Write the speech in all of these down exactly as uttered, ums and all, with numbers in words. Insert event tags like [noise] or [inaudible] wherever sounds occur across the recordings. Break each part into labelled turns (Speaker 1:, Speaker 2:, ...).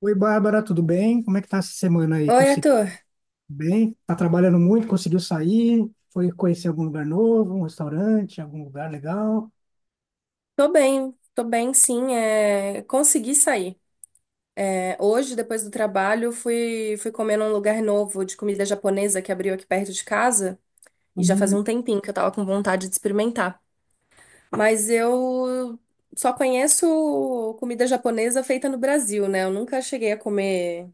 Speaker 1: Oi, Bárbara, tudo bem? Como é que tá essa semana aí?
Speaker 2: Oi,
Speaker 1: Conseguiu
Speaker 2: Arthur.
Speaker 1: bem? Tá trabalhando muito? Conseguiu sair? Foi conhecer algum lugar novo, um restaurante, algum lugar legal?
Speaker 2: Tô bem, tô bem, sim. É... Consegui sair. É, hoje, depois do trabalho, fui, fui comer num lugar novo de comida japonesa que abriu aqui perto de casa. E já fazia um tempinho que eu tava com vontade de experimentar. Mas eu só conheço comida japonesa feita no Brasil, né? Eu nunca cheguei a comer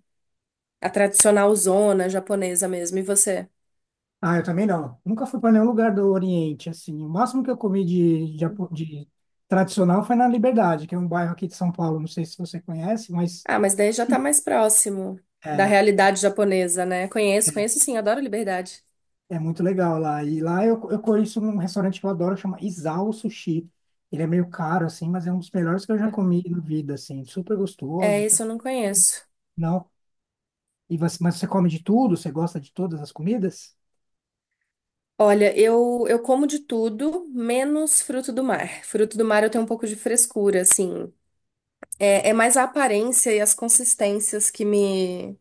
Speaker 2: a tradicional zona japonesa mesmo. E você?
Speaker 1: Ah, eu também não. Nunca fui para nenhum lugar do Oriente, assim. O máximo que eu comi de, japo- de tradicional foi na Liberdade, que é um bairro aqui de São Paulo. Não sei se você conhece, mas
Speaker 2: Ah, mas daí já tá mais próximo da
Speaker 1: é,
Speaker 2: realidade japonesa, né? Conheço,
Speaker 1: é
Speaker 2: conheço sim, adoro liberdade.
Speaker 1: é muito legal lá. E lá eu, eu conheço um restaurante que eu adoro, chama Isao Sushi. Ele é meio caro, assim, mas é um dos melhores que eu já comi na vida, assim. Super
Speaker 2: É,
Speaker 1: gostoso.
Speaker 2: isso eu não conheço.
Speaker 1: Não. E você, mas você come de tudo? Você gosta de todas as comidas?
Speaker 2: Olha, eu, eu como de tudo, menos fruto do mar. Fruto do mar eu tenho um pouco de frescura, assim. É, é mais a aparência e as consistências que me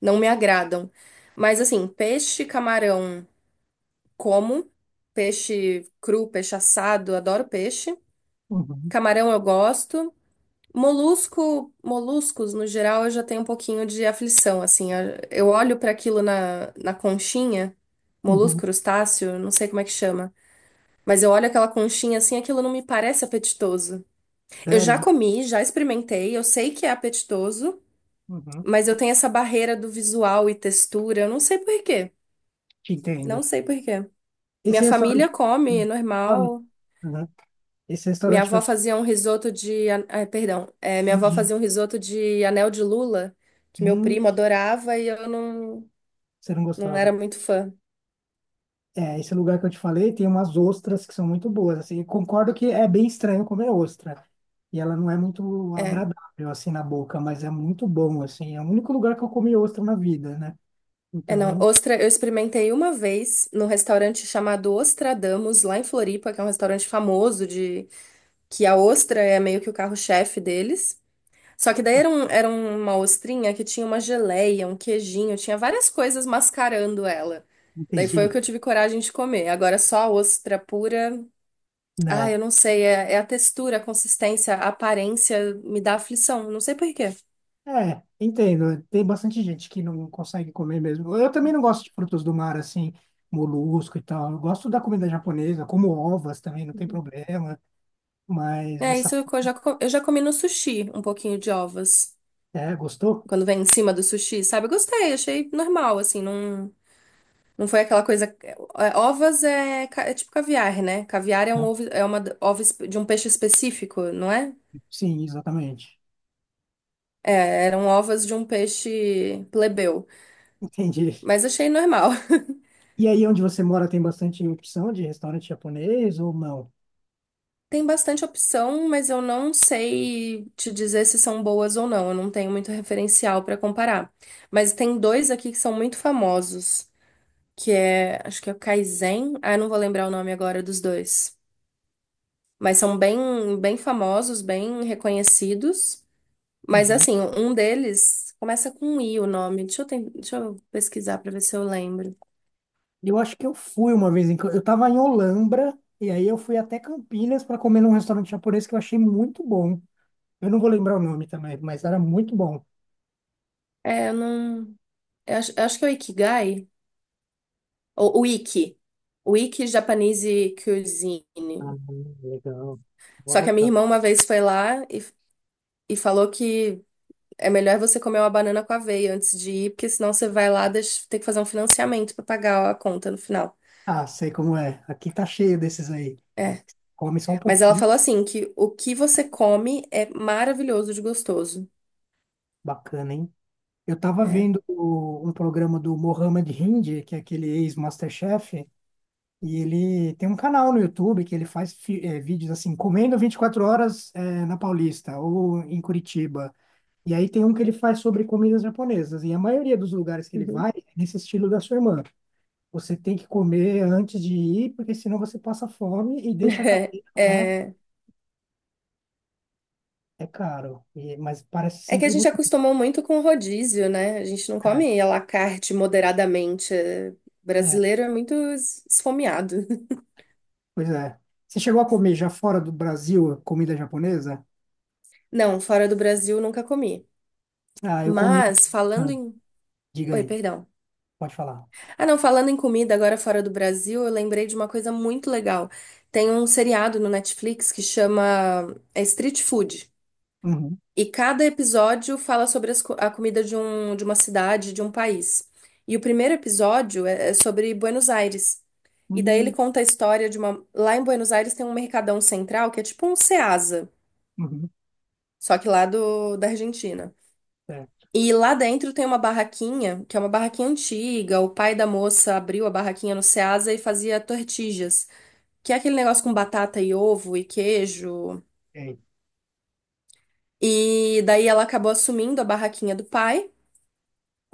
Speaker 2: não me agradam. Mas assim, peixe, camarão, como. Peixe cru, peixe assado, adoro peixe.
Speaker 1: Uhum,
Speaker 2: Camarão eu gosto. Molusco, moluscos, no geral, eu já tenho um pouquinho de aflição, assim. Eu eu olho para aquilo na, na conchinha, molusco,
Speaker 1: uhum.
Speaker 2: crustáceo, não sei como é que chama. Mas eu olho aquela conchinha assim, aquilo não me parece apetitoso. Eu
Speaker 1: Sério,
Speaker 2: já
Speaker 1: hein?
Speaker 2: comi, já experimentei, eu sei que é apetitoso,
Speaker 1: Uhum.
Speaker 2: mas eu tenho essa barreira do visual e textura, eu não sei por quê.
Speaker 1: Te entendo.
Speaker 2: Não sei por quê. Minha
Speaker 1: Esse
Speaker 2: família
Speaker 1: restaurante.
Speaker 2: come, é
Speaker 1: Hum. Come?
Speaker 2: normal.
Speaker 1: Uhum. Esse
Speaker 2: Minha
Speaker 1: restaurante que eu
Speaker 2: avó
Speaker 1: te
Speaker 2: fazia um risoto de, an- ah, perdão. É, minha avó
Speaker 1: imagino.
Speaker 2: fazia um risoto de anel de lula, que meu
Speaker 1: Hum,
Speaker 2: primo adorava e eu não,
Speaker 1: você não
Speaker 2: não era
Speaker 1: gostava.
Speaker 2: muito fã.
Speaker 1: É, esse lugar que eu te falei tem umas ostras que são muito boas. Assim, eu concordo que é bem estranho comer ostra. E ela não é muito
Speaker 2: É,
Speaker 1: agradável, assim, na boca, mas é muito bom, assim. É o único lugar que eu comi ostra na vida, né?
Speaker 2: é
Speaker 1: Então,
Speaker 2: não.
Speaker 1: não
Speaker 2: Ostra, eu experimentei uma vez num restaurante chamado Ostradamus, lá em Floripa, que é um restaurante famoso de que a ostra é meio que o carro-chefe deles. Só que daí era, um- era uma ostrinha que tinha uma geleia, um queijinho, tinha várias coisas mascarando ela. Daí foi o que
Speaker 1: entendi.
Speaker 2: eu tive coragem de comer. Agora só a ostra pura. Ah, eu
Speaker 1: Não.
Speaker 2: não sei, é, é a textura, a consistência, a aparência me dá aflição, não sei por quê.
Speaker 1: É, entendo. Tem bastante gente que não consegue comer mesmo. Eu também não gosto de frutos do mar, assim, molusco e tal. Eu gosto da comida japonesa, como ovas também, não tem problema. Mas
Speaker 2: É, isso
Speaker 1: essa.
Speaker 2: eu já, co- eu já comi no sushi, um pouquinho de ovas.
Speaker 1: É, gostou?
Speaker 2: Quando vem em cima do sushi, sabe? Eu gostei, achei normal, assim, não. Não foi aquela coisa. é, Ovas é, ca- é tipo caviar, né? Caviar é
Speaker 1: Né?
Speaker 2: um ovo, é uma d- ova espe- de um peixe específico, não é?
Speaker 1: Sim, exatamente.
Speaker 2: É, eram ovas de um peixe plebeu.
Speaker 1: [laughs] Entendi.
Speaker 2: Mas achei normal. [laughs]
Speaker 1: E aí, onde você mora, tem bastante opção de restaurante japonês ou não?
Speaker 2: Tem bastante opção, mas eu não sei te dizer se são boas ou não. Eu não tenho muito referencial para comparar. Mas tem dois aqui que são muito famosos, que é, acho que é o Kaizen. Ah, eu não vou lembrar o nome agora dos dois. Mas são bem, bem famosos, bem reconhecidos. Mas
Speaker 1: Uhum.
Speaker 2: assim, um deles começa com um I o nome. Deixa eu, ten- deixa eu pesquisar para ver se eu lembro.
Speaker 1: Eu acho que eu fui uma vez em. Cam- Eu tava em Olambra, e aí eu fui até Campinas para comer num restaurante japonês que eu achei muito bom. Eu não vou lembrar o nome também, mas era muito bom.
Speaker 2: É, eu não. Eu acho, eu acho que é o Ikigai. Ou o Iki. O Iki Japanese Cuisine.
Speaker 1: Ah, legal. Vou
Speaker 2: Só que a minha
Speaker 1: anotar.
Speaker 2: irmã uma vez foi lá e, e falou que é melhor você comer uma banana com aveia antes de ir, porque senão você vai lá deixa, ter que fazer um financiamento para pagar a conta no final.
Speaker 1: Ah, sei como é. Aqui tá cheio desses aí.
Speaker 2: É.
Speaker 1: Come só um
Speaker 2: Mas ela
Speaker 1: pouquinho.
Speaker 2: falou assim que o que você come é maravilhoso de gostoso.
Speaker 1: Bacana, hein? Eu tava
Speaker 2: É.
Speaker 1: vendo o- um programa do Mohamed Hindi, que é aquele ex-MasterChef, e ele tem um canal no YouTube que ele faz fi- eh, vídeos assim, comendo vinte e quatro horas eh, na Paulista ou em Curitiba. E aí tem um que ele faz sobre comidas japonesas. E a maioria dos lugares que ele
Speaker 2: Uhum.
Speaker 1: vai é nesse estilo da sua irmã. Você tem que comer antes de ir, porque senão você passa fome e deixa a
Speaker 2: [laughs]
Speaker 1: cadeia
Speaker 2: É,
Speaker 1: lá.
Speaker 2: é.
Speaker 1: É caro, e- mas parece
Speaker 2: É que a
Speaker 1: sempre
Speaker 2: gente
Speaker 1: muito.
Speaker 2: acostumou muito com rodízio, né? A gente não
Speaker 1: É,
Speaker 2: come à la carte moderadamente. É,
Speaker 1: é,
Speaker 2: brasileiro é muito es- esfomeado. [laughs]
Speaker 1: pois é. Você chegou a comer já fora do Brasil comida japonesa?
Speaker 2: Não, fora do Brasil nunca comi.
Speaker 1: Ah, eu comi uma.
Speaker 2: Mas falando
Speaker 1: Ah,
Speaker 2: em.
Speaker 1: diga
Speaker 2: Oi,
Speaker 1: aí,
Speaker 2: perdão.
Speaker 1: pode falar.
Speaker 2: Ah, não, falando em comida agora fora do Brasil, eu lembrei de uma coisa muito legal. Tem um seriado no Netflix que chama é, Street Food.
Speaker 1: Uhum.
Speaker 2: E cada episódio fala sobre as co- a comida de, um, de uma cidade, de um país. E o primeiro episódio é é sobre Buenos Aires. E daí ele
Speaker 1: Uhum.
Speaker 2: conta a história de uma. Lá em Buenos Aires tem um mercadão central que é tipo um Ceasa,
Speaker 1: Uhum.
Speaker 2: só que lá do, da Argentina.
Speaker 1: Certo.
Speaker 2: E lá dentro tem uma barraquinha, que é uma barraquinha antiga. O pai da moça abriu a barraquinha no Ceasa e fazia tortillas, que é aquele negócio com batata e ovo e queijo.
Speaker 1: E aí?
Speaker 2: E daí ela acabou assumindo a barraquinha do pai.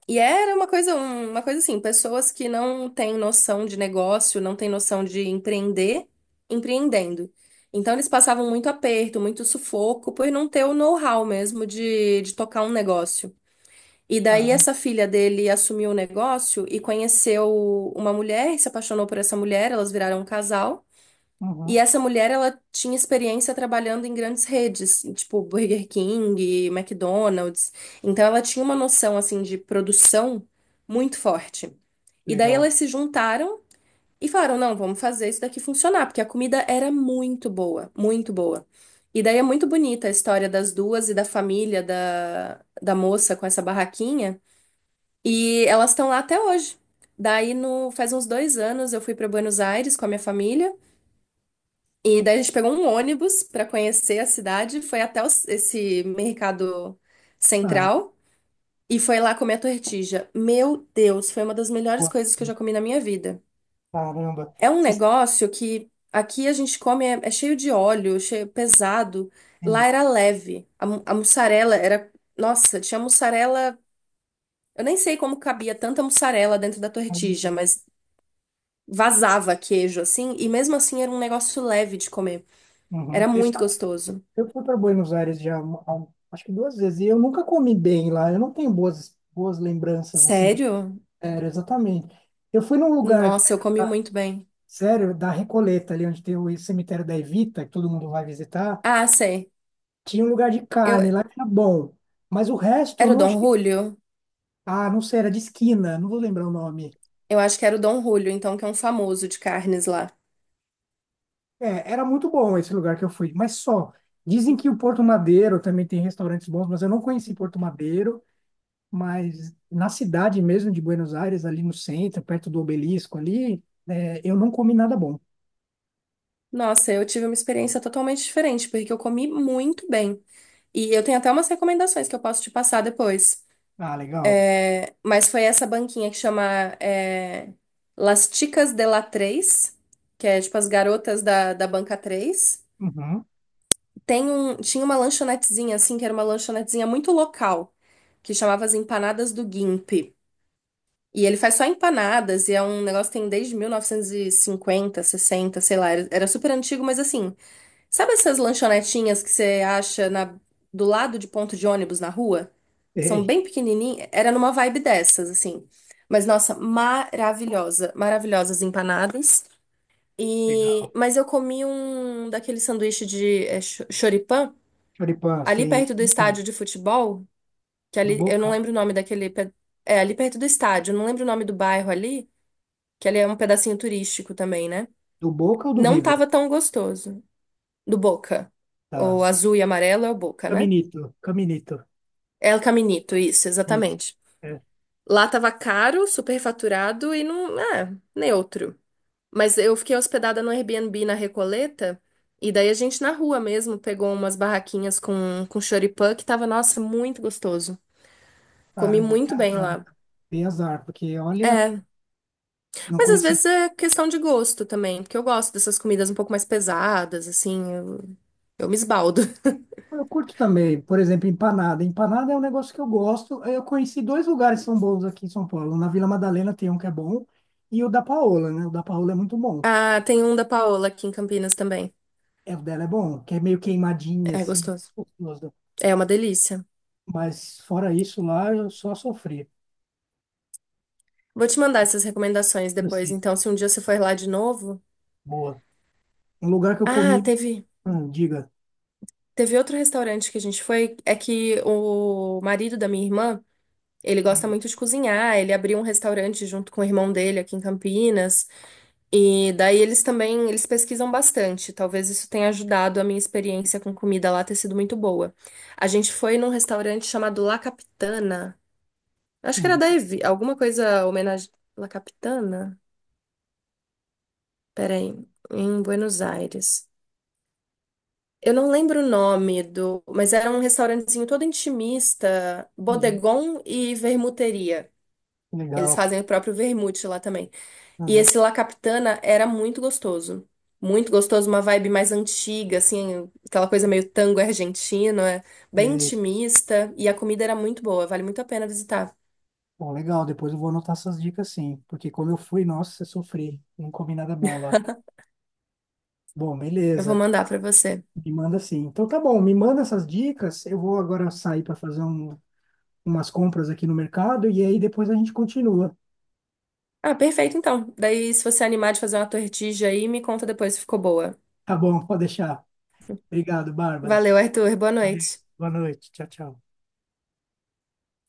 Speaker 2: E era uma coisa, um- uma coisa assim, pessoas que não têm noção de negócio, não têm noção de empreender, empreendendo. Então eles passavam muito aperto, muito sufoco por não ter o know-how mesmo de, de tocar um negócio. E daí
Speaker 1: Caramba.
Speaker 2: essa filha dele assumiu o negócio e conheceu uma mulher, se apaixonou por essa mulher, elas viraram um casal. E
Speaker 1: Uhum.
Speaker 2: essa mulher, ela tinha experiência trabalhando em grandes redes, tipo Burger King, McDonald's. Então ela tinha uma noção assim de produção muito forte. E daí
Speaker 1: Legal.
Speaker 2: elas se juntaram e falaram: "Não, vamos fazer isso daqui funcionar", porque a comida era muito boa, muito boa. E daí é muito bonita a história das duas e da família da, da moça com essa barraquinha, e elas estão lá até hoje. Daí no faz uns dois anos eu fui para Buenos Aires com a minha família. E daí a gente pegou um ônibus para conhecer a cidade, foi até os- esse mercado
Speaker 1: Ah,
Speaker 2: central e foi lá comer a tortilha. Meu Deus, foi uma das melhores
Speaker 1: boa
Speaker 2: coisas que eu
Speaker 1: mesmo.
Speaker 2: já comi na minha vida.
Speaker 1: Caramba.
Speaker 2: É um
Speaker 1: Você sabe,
Speaker 2: negócio que aqui a gente come é, é cheio de óleo, cheio pesado.
Speaker 1: sim.
Speaker 2: Lá era leve. A, mu- a mussarela era, nossa, tinha mussarela. Eu nem sei como cabia tanta mussarela dentro da tortilha, mas vazava queijo assim e mesmo assim era um negócio leve de comer.
Speaker 1: Uhum.
Speaker 2: Era
Speaker 1: Eu
Speaker 2: muito
Speaker 1: só-
Speaker 2: gostoso.
Speaker 1: eu fui para Buenos Aires já, há- acho que duas vezes, e eu nunca comi bem lá. Eu não tenho boas, boas lembranças assim de
Speaker 2: Sério?
Speaker 1: férias, exatamente. Eu fui num lugar.
Speaker 2: Nossa, eu comi muito bem.
Speaker 1: Sério, da Recoleta, ali onde tem o cemitério da Evita, que todo mundo vai visitar,
Speaker 2: Ah, sei.
Speaker 1: tinha um lugar de
Speaker 2: Eu...
Speaker 1: carne lá que era bom. Mas o resto eu
Speaker 2: Era o
Speaker 1: não
Speaker 2: Dom
Speaker 1: achei.
Speaker 2: Julio?
Speaker 1: Ah, não sei, era de esquina, não vou lembrar o nome.
Speaker 2: Eu acho que era o Dom Julio, então, que é um famoso de carnes lá.
Speaker 1: É, era muito bom esse lugar que eu fui, mas só. Dizem que o
Speaker 2: [laughs]
Speaker 1: Porto Madeiro também tem restaurantes bons, mas eu não conheci Porto Madeiro. Mas na cidade mesmo de Buenos Aires, ali no centro, perto do Obelisco ali, é, eu não comi nada bom.
Speaker 2: Nossa, eu tive uma experiência totalmente diferente, porque eu comi muito bem. E eu tenho até umas recomendações que eu posso te passar depois.
Speaker 1: Ah, legal.
Speaker 2: É, mas foi essa banquinha que chama é, Las Chicas de la três, que é tipo as garotas da, da banca três.
Speaker 1: Uhum.
Speaker 2: Tem um, tinha uma lanchonetezinha assim, que era uma lanchonetezinha muito local, que chamava as Empanadas do Gimp. E ele faz só empanadas, e é um negócio que tem desde mil novecentos e cinquenta, sessenta, sei lá. Era era super antigo, mas assim, sabe essas lanchonetinhas que você acha na, do lado de ponto de ônibus na rua? São
Speaker 1: Ei,
Speaker 2: bem pequenininhas. Era numa vibe dessas, assim. Mas nossa, maravilhosa. Maravilhosas empanadas. E,
Speaker 1: legal.
Speaker 2: mas eu comi um daquele sanduíche de é, cho- choripã,
Speaker 1: Choripã,
Speaker 2: ali
Speaker 1: sim.
Speaker 2: perto do
Speaker 1: Bom.
Speaker 2: estádio de futebol, que
Speaker 1: Do
Speaker 2: ali, eu não
Speaker 1: Boca?
Speaker 2: lembro o nome daquele. Pe- É, ali perto do estádio, eu não lembro o nome do bairro ali que ele é um pedacinho turístico também, né?
Speaker 1: Do Boca ou do
Speaker 2: Não
Speaker 1: River?
Speaker 2: tava tão gostoso. Do Boca. O
Speaker 1: Tá.
Speaker 2: azul e amarelo é o Boca, né?
Speaker 1: Caminito, Caminito.
Speaker 2: É o Caminito, isso,
Speaker 1: Isso.
Speaker 2: exatamente.
Speaker 1: É.
Speaker 2: Lá tava caro, superfaturado e não, é, neutro. Mas eu fiquei hospedada no Airbnb na Recoleta e daí a gente na rua mesmo pegou umas barraquinhas com com choripã que tava, nossa, muito gostoso. Comi
Speaker 1: Caramba, que
Speaker 2: muito bem
Speaker 1: azar, hein?
Speaker 2: lá.
Speaker 1: Dei azar, porque olha,
Speaker 2: É.
Speaker 1: não
Speaker 2: Mas às
Speaker 1: conheci.
Speaker 2: vezes é questão de gosto também, porque eu gosto dessas comidas um pouco mais pesadas, assim, eu, eu me esbaldo. [laughs]
Speaker 1: Eu curto também, por exemplo, empanada. Empanada é um negócio que eu gosto. Eu conheci dois lugares que são bons aqui em São Paulo. Na Vila Madalena tem um que é bom e o da Paola, né? O da Paola é muito bom.
Speaker 2: Ah, tem um da Paola aqui em Campinas também.
Speaker 1: É, o dela é bom, que é meio queimadinha,
Speaker 2: É
Speaker 1: assim,
Speaker 2: gostoso.
Speaker 1: gostoso.
Speaker 2: É uma delícia.
Speaker 1: Mas fora isso, lá eu só sofri.
Speaker 2: Vou te mandar essas recomendações depois,
Speaker 1: Assim,
Speaker 2: então, se um dia você for lá de novo.
Speaker 1: boa. Um lugar que eu
Speaker 2: Ah,
Speaker 1: comi,
Speaker 2: teve,
Speaker 1: hum, diga.
Speaker 2: teve outro restaurante que a gente foi, é que o marido da minha irmã, ele gosta
Speaker 1: Hum,
Speaker 2: muito de cozinhar, ele abriu um restaurante junto com o irmão dele aqui em Campinas. E daí eles também, eles pesquisam bastante. Talvez isso tenha ajudado a minha experiência com comida lá ter sido muito boa. A gente foi num restaurante chamado La Capitana. Acho que era
Speaker 1: hum,
Speaker 2: da Evi, alguma coisa homenagem La Capitana? Peraí, em Buenos Aires. Eu não lembro o nome do, mas era um restaurantezinho todo intimista,
Speaker 1: hum,
Speaker 2: bodegon e vermuteria.
Speaker 1: hum,
Speaker 2: Eles
Speaker 1: legal.
Speaker 2: fazem o próprio vermute lá também. E
Speaker 1: Aham.
Speaker 2: esse La Capitana era muito gostoso. Muito gostoso, uma vibe mais antiga, assim, aquela coisa meio tango argentino, é bem
Speaker 1: E,
Speaker 2: intimista. E a comida era muito boa, vale muito a pena visitar.
Speaker 1: bom, legal, depois eu vou anotar essas dicas sim, porque como eu fui, nossa, eu sofri, não comi nada bom lá. Bom,
Speaker 2: Eu vou
Speaker 1: beleza,
Speaker 2: mandar pra você.
Speaker 1: me manda sim. Então tá bom, me manda essas dicas, eu vou agora sair para fazer um- umas compras aqui no mercado e aí depois a gente continua.
Speaker 2: Ah, perfeito então. Daí, se você animar de fazer uma tortilha aí, me conta depois se ficou boa.
Speaker 1: Tá bom, pode deixar. Obrigado, Bárbara.
Speaker 2: Valeu, Arthur. Boa
Speaker 1: Valeu,
Speaker 2: noite.
Speaker 1: boa noite, tchau, tchau.